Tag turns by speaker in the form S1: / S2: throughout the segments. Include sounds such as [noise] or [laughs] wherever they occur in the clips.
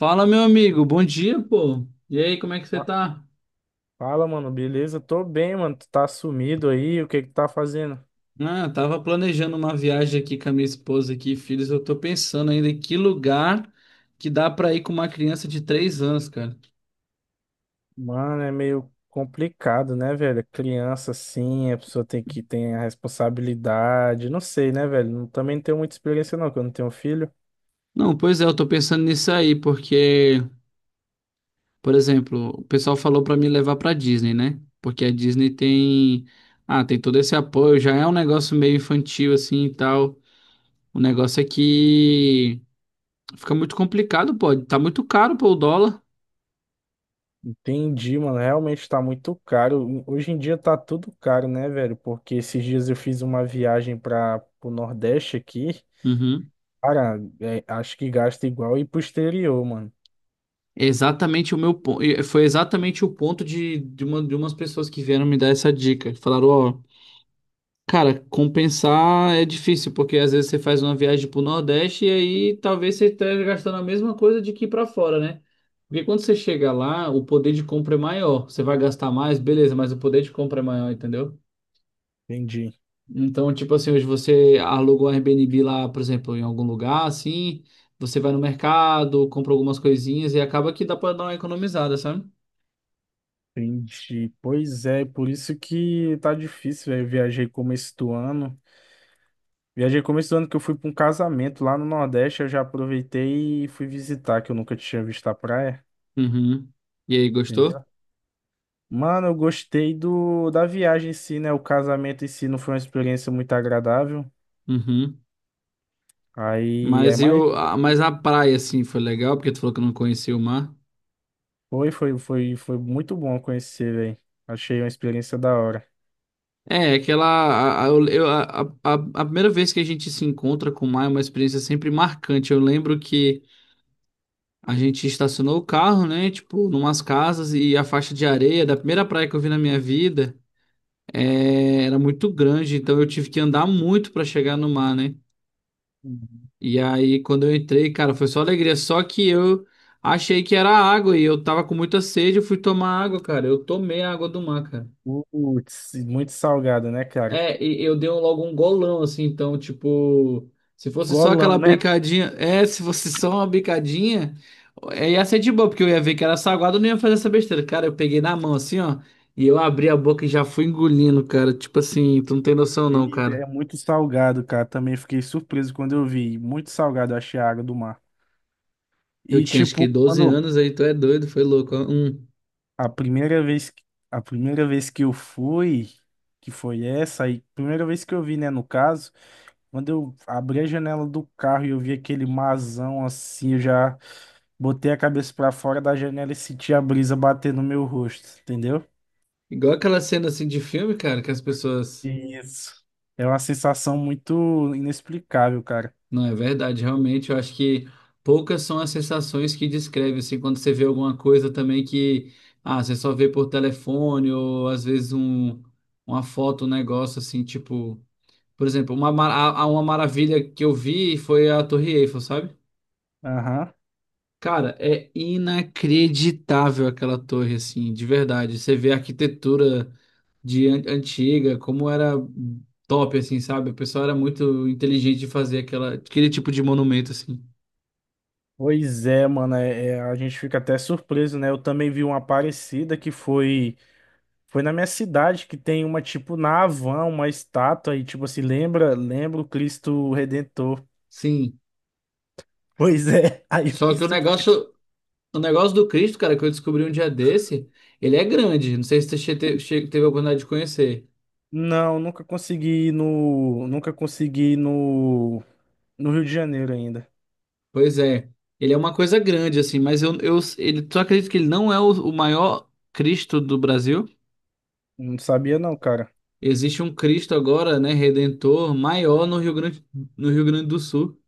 S1: Fala, meu amigo, bom dia, pô. E aí, como é que você
S2: Fa-
S1: tá?
S2: Fala, mano, beleza? Tô bem, mano. Tu tá sumido aí? O que que tá fazendo?
S1: Ah, eu tava planejando uma viagem aqui com a minha esposa aqui, filhos. Eu tô pensando ainda em que lugar que dá pra ir com uma criança de 3 anos, cara.
S2: Mano, é meio complicado, né, velho? Criança, assim, a pessoa tem que ter a responsabilidade. Não sei, né, velho? Também não tenho muita experiência, não, que eu não tenho filho.
S1: Não, pois é, eu tô pensando nisso aí, porque, por exemplo, o pessoal falou pra me levar pra Disney, né? Porque a Disney tem, tem todo esse apoio, já é um negócio meio infantil assim e tal. O negócio é que fica muito complicado, pô. Tá muito caro, pô, o dólar.
S2: Entendi, mano. Realmente tá muito caro. Hoje em dia tá tudo caro, né, velho? Porque esses dias eu fiz uma viagem para pro Nordeste aqui.
S1: Uhum.
S2: Cara, é, acho que gasta igual ir pro exterior, mano.
S1: Exatamente o meu ponto. Foi exatamente o ponto de umas pessoas que vieram me dar essa dica. Falaram, ó, cara, compensar é difícil, porque às vezes você faz uma viagem pro Nordeste e aí talvez você esteja gastando a mesma coisa de que ir pra fora, né? Porque quando você chega lá, o poder de compra é maior. Você vai gastar mais, beleza, mas o poder de compra é maior, entendeu?
S2: Entendi.
S1: Então, tipo assim, hoje você alugou um Airbnb lá, por exemplo, em algum lugar, assim, você vai no mercado, compra algumas coisinhas e acaba que dá pra dar uma economizada, sabe?
S2: Entendi. Pois é, por isso que tá difícil, velho. Eu viajei começo do ano. Viajei começo do ano que eu fui pra um casamento lá no Nordeste, eu já aproveitei e fui visitar, que eu nunca tinha visto a praia,
S1: Uhum. E aí, gostou?
S2: entendeu? Mano, eu gostei do da viagem em si, né? O casamento em si não foi uma experiência muito agradável.
S1: Uhum.
S2: Aí é
S1: Mas e
S2: mais
S1: mas a praia, assim, foi legal, porque tu falou que não conhecia o mar.
S2: foi, muito bom conhecer, velho. Achei uma experiência da hora.
S1: É, aquela. A, eu- a A primeira vez que a gente se encontra com o mar é uma experiência sempre marcante. Eu lembro que a gente estacionou o carro, né? Tipo, numas casas, e a faixa de areia da primeira praia que eu vi na minha vida era muito grande, então eu tive que andar muito pra chegar no mar, né?
S2: Uhum.
S1: E aí, quando eu entrei, cara, foi só alegria. Só que eu achei que era água e eu tava com muita sede. Eu fui tomar água, cara. Eu tomei a água do mar, cara.
S2: Putz, muito salgada, né, cara?
S1: É, e eu dei logo um golão, assim. Então, tipo, se fosse só aquela
S2: Golão, né?
S1: bicadinha. É, se fosse só uma bicadinha, é, ia ser de boa, porque eu ia ver que era saguado, eu não ia fazer essa besteira. Cara, eu peguei na mão, assim, ó. E eu abri a boca e já fui engolindo, cara. Tipo assim, tu não tem noção, não,
S2: Ele é
S1: cara.
S2: muito salgado, cara. Também fiquei surpreso quando eu vi. Muito salgado, eu achei a água do mar.
S1: Eu
S2: E
S1: tinha acho que
S2: tipo,
S1: 12
S2: quando
S1: anos, aí tu é doido, foi louco. Ó. Hum.
S2: a primeira vez, que- a primeira vez que eu fui, que foi essa, aí, primeira vez que eu vi, né, no caso, quando eu abri a janela do carro e eu vi aquele marzão assim, eu já botei a cabeça pra fora da janela e senti a brisa bater no meu rosto, entendeu?
S1: Igual aquela cena assim de filme, cara, que as pessoas.
S2: Isso. É uma sensação muito inexplicável, cara.
S1: Não, é verdade, realmente. Eu acho que poucas são as sensações que descreve, assim, quando você vê alguma coisa também que. Ah, você só vê por telefone, ou às vezes um, uma foto, um negócio assim, tipo. Por exemplo, uma, ma- a- uma maravilha que eu vi foi a Torre Eiffel, sabe?
S2: Aham.
S1: Cara, é inacreditável aquela torre, assim, de verdade. Você vê a arquitetura antiga, como era top, assim, sabe? O pessoal era muito inteligente de fazer aquele tipo de monumento, assim.
S2: Pois é, mano, a gente fica até surpreso, né? Eu também vi uma parecida que foi foi na minha cidade que tem uma tipo na Havan, uma estátua e tipo assim, lembra, lembra o Cristo Redentor.
S1: Sim.
S2: Pois é, [laughs] aí eu
S1: Só
S2: fiquei
S1: que
S2: surpreso.
S1: o negócio do Cristo, cara, que eu descobri um dia desse, ele é grande. Não sei se você teve a oportunidade de conhecer.
S2: Não, nunca consegui ir no no Rio de Janeiro ainda.
S1: Pois é. Ele é uma coisa grande, assim, mas tu acredita que ele não é o maior Cristo do Brasil?
S2: Não sabia não, cara.
S1: Existe um Cristo agora, né, redentor maior no Rio Grande, no Rio Grande do Sul.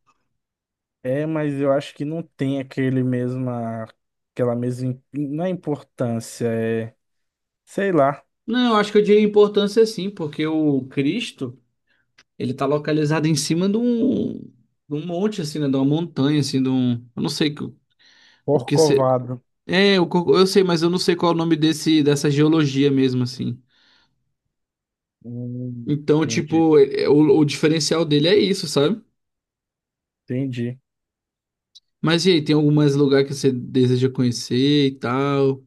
S2: É, mas eu acho que não tem aquele mesma aquela mesma não é importância, é sei lá,
S1: Não, eu acho que eu diria importância sim, porque o Cristo, ele tá localizado em cima de um monte assim, né, de uma montanha assim, de um, eu não sei que- o que se
S2: Corcovado.
S1: É, eu, eu sei, mas eu não sei qual é o nome desse dessa geologia mesmo assim.
S2: Hum,
S1: Então,
S2: entendi,
S1: tipo, o diferencial dele é isso, sabe?
S2: entendi.
S1: Mas e aí, tem algum mais lugar que você deseja conhecer e tal?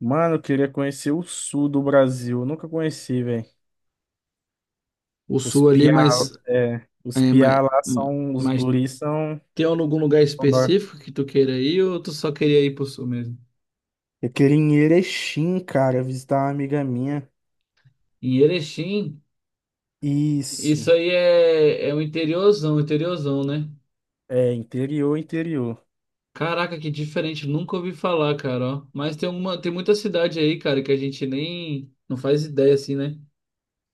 S2: Mano, eu queria conhecer o sul do Brasil. Eu nunca conheci, velho.
S1: O
S2: Os
S1: sul ali,
S2: piá,
S1: mas
S2: é, os
S1: é, mas-
S2: piá lá são, os
S1: mais.
S2: guris são,
S1: Tem algum lugar
S2: são da-
S1: específico que tu queira ir ou tu só queria ir pro sul mesmo?
S2: Eu queria ir em Erechim, cara, visitar uma amiga minha.
S1: Em Erechim, isso
S2: Isso.
S1: aí é, é um interiorzão, interiorzão, né?
S2: É, interior, interior.
S1: Caraca, que diferente, nunca ouvi falar, cara, ó. Mas tem uma, tem muita cidade aí, cara, que a gente nem não faz ideia assim, né?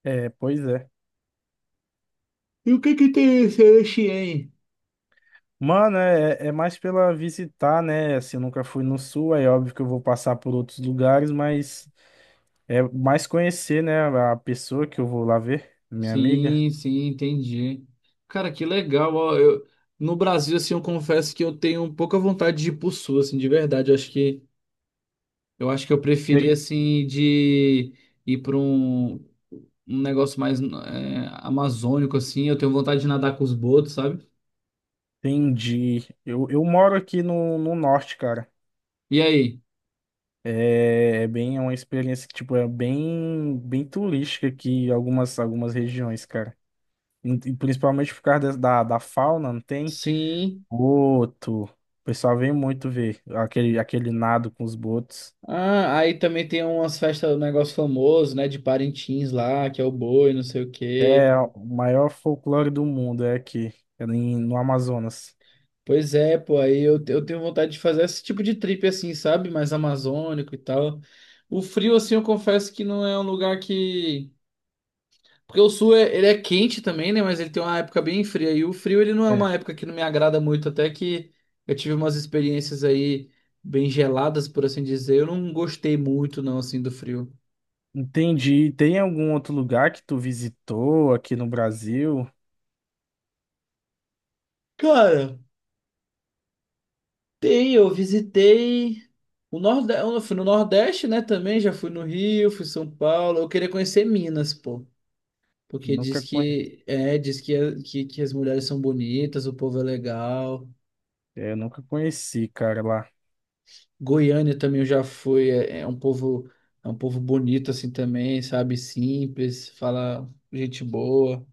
S2: É, pois é.
S1: E o que que tem esse Erechim aí?
S2: Mano, é, é mais pela visitar, né? Assim, eu nunca fui no sul, é óbvio que eu vou passar por outros lugares, mas é mais conhecer, né, a pessoa que eu vou lá ver, minha amiga.
S1: Sim, sim, entendi. Cara, que legal, ó. Eu, no Brasil, assim, eu confesso que eu tenho pouca vontade de ir pro sul, assim, de verdade. Eu acho que eu acho que eu preferi assim de ir para um, um negócio mais é, amazônico assim. Eu tenho vontade de nadar com os botos, sabe?
S2: Entendi. Eu moro aqui no norte, cara.
S1: E aí?
S2: É, é bem, é uma experiência que, tipo, é bem, bem turística aqui em algumas, algumas regiões, cara. E principalmente por causa da, da fauna, não tem?
S1: Sim.
S2: Boto. O pessoal vem muito ver aquele, aquele nado com os botos.
S1: Ah, aí também tem umas festas, um negócio famoso, né? De Parintins lá, que é o boi, não sei o quê.
S2: É o maior folclore do mundo, é aqui, no Amazonas.
S1: Pois é, pô, aí eu tenho vontade de fazer esse tipo de trip assim, sabe? Mais amazônico e tal. O frio, assim, eu confesso que não é um lugar que. Porque o sul é, ele é quente também, né? Mas ele tem uma época bem fria. E o frio, ele não é uma
S2: É.
S1: época que não me agrada muito. Até que eu tive umas experiências aí bem geladas, por assim dizer. Eu não gostei muito, não, assim, do frio.
S2: Entendi. Tem algum outro lugar que tu visitou aqui no Brasil?
S1: Cara, tem, eu visitei o Nordeste, eu fui no Nordeste, né, também, já fui no Rio, fui em São Paulo. Eu queria conhecer Minas, pô, porque
S2: Nunca
S1: diz que é, que as mulheres são bonitas, o povo é legal.
S2: É, eu nunca conheci, cara, lá.
S1: Goiânia também eu já fui, é um povo bonito assim também, sabe? Simples, fala gente boa.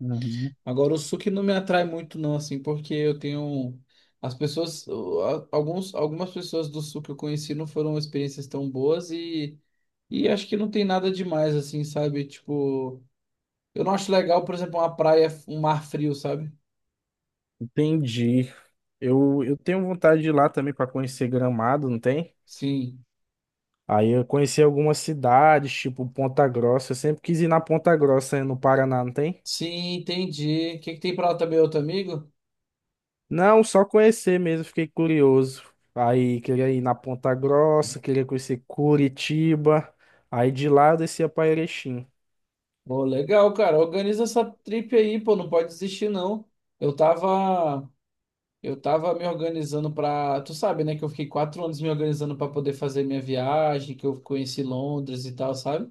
S2: Uhum.
S1: Agora o sul que não me atrai muito não assim, porque eu tenho as pessoas, algumas pessoas do sul que eu conheci não foram experiências tão boas, e acho que não tem nada demais assim, sabe? Tipo, eu não acho legal, por exemplo, uma praia, um mar frio, sabe?
S2: Entendi. Eu tenho vontade de ir lá também para conhecer Gramado, não tem?
S1: Sim.
S2: Aí eu conheci algumas cidades, tipo Ponta Grossa. Eu sempre quis ir na Ponta Grossa, eh, no Paraná, não tem?
S1: Sim, entendi. O que que tem pra lá também, outro amigo?
S2: Não, só conhecer mesmo, fiquei curioso. Aí queria ir na Ponta Grossa, queria conhecer Curitiba. Aí de lá eu descia para Erechim.
S1: Pô, legal, cara. Organiza essa trip aí, pô. Não pode desistir, não. Eu tava, eu tava me organizando pra. Tu sabe, né? Que eu fiquei 4 anos me organizando pra poder fazer minha viagem, que eu conheci Londres e tal, sabe?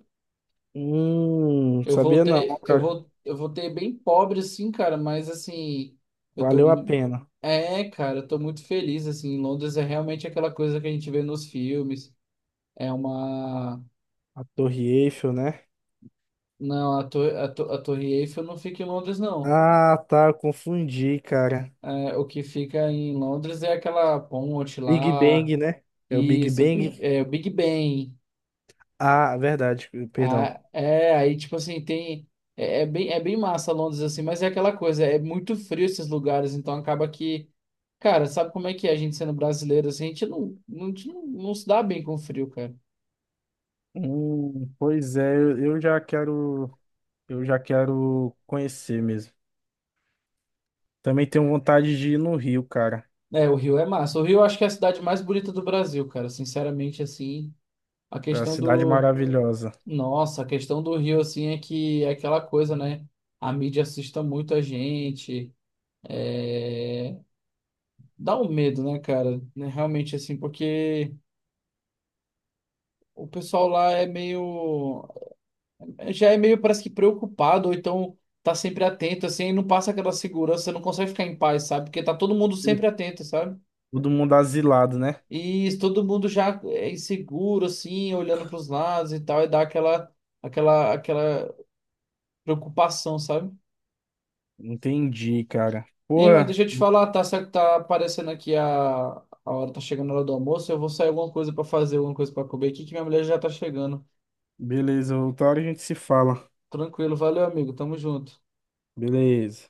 S1: Eu
S2: Sabia não,
S1: voltei,
S2: cara.
S1: eu voltei bem pobre, assim, cara. Mas assim, eu tô,
S2: Valeu a
S1: mu-
S2: pena.
S1: é, cara, eu tô muito feliz, assim. Londres é realmente aquela coisa que a gente vê nos filmes. É uma,
S2: A Torre Eiffel, né?
S1: não, a Torre Eiffel não fica em Londres, não.
S2: Ah, tá, eu confundi, cara.
S1: É, o que fica em Londres é aquela ponte
S2: Big
S1: lá,
S2: Bang, né? É o Big Bang.
S1: O Big Ben.
S2: Ah, verdade, perdão.
S1: Ah, é, aí tipo assim, tem. É, é bem massa Londres assim, mas é aquela coisa, é muito frio esses lugares, então acaba que. Cara, sabe como é que é a gente sendo brasileiro assim? A gente a gente não se dá bem com o frio, cara.
S2: Pois é, eu já quero, eu já quero conhecer mesmo. Também tenho vontade de ir no Rio, cara.
S1: É, o Rio é massa. O Rio eu acho que é a cidade mais bonita do Brasil, cara, sinceramente assim. A
S2: É uma
S1: questão
S2: cidade
S1: do
S2: maravilhosa.
S1: nossa, a questão do Rio, assim, é que é aquela coisa, né? A mídia assusta muito a gente. é, Dá um medo, né, cara? Né, Realmente, assim, porque o pessoal lá é meio... Já é meio, parece que preocupado, ou então tá sempre atento, assim, e não passa aquela segurança, não consegue ficar em paz, sabe? Porque tá todo mundo sempre atento, sabe?
S2: Todo mundo asilado, né?
S1: E todo mundo já é inseguro, assim, olhando pros lados e tal, e dá aquela preocupação, sabe?
S2: Entendi, cara.
S1: Ei, mas
S2: Porra,
S1: deixa eu te falar, tá certo, tá aparecendo aqui a hora, tá chegando a hora do almoço. Eu vou sair alguma coisa pra fazer, alguma coisa pra comer aqui, que minha mulher já tá chegando.
S2: beleza, outra hora a gente se fala.
S1: Tranquilo, valeu, amigo, tamo junto.
S2: Beleza.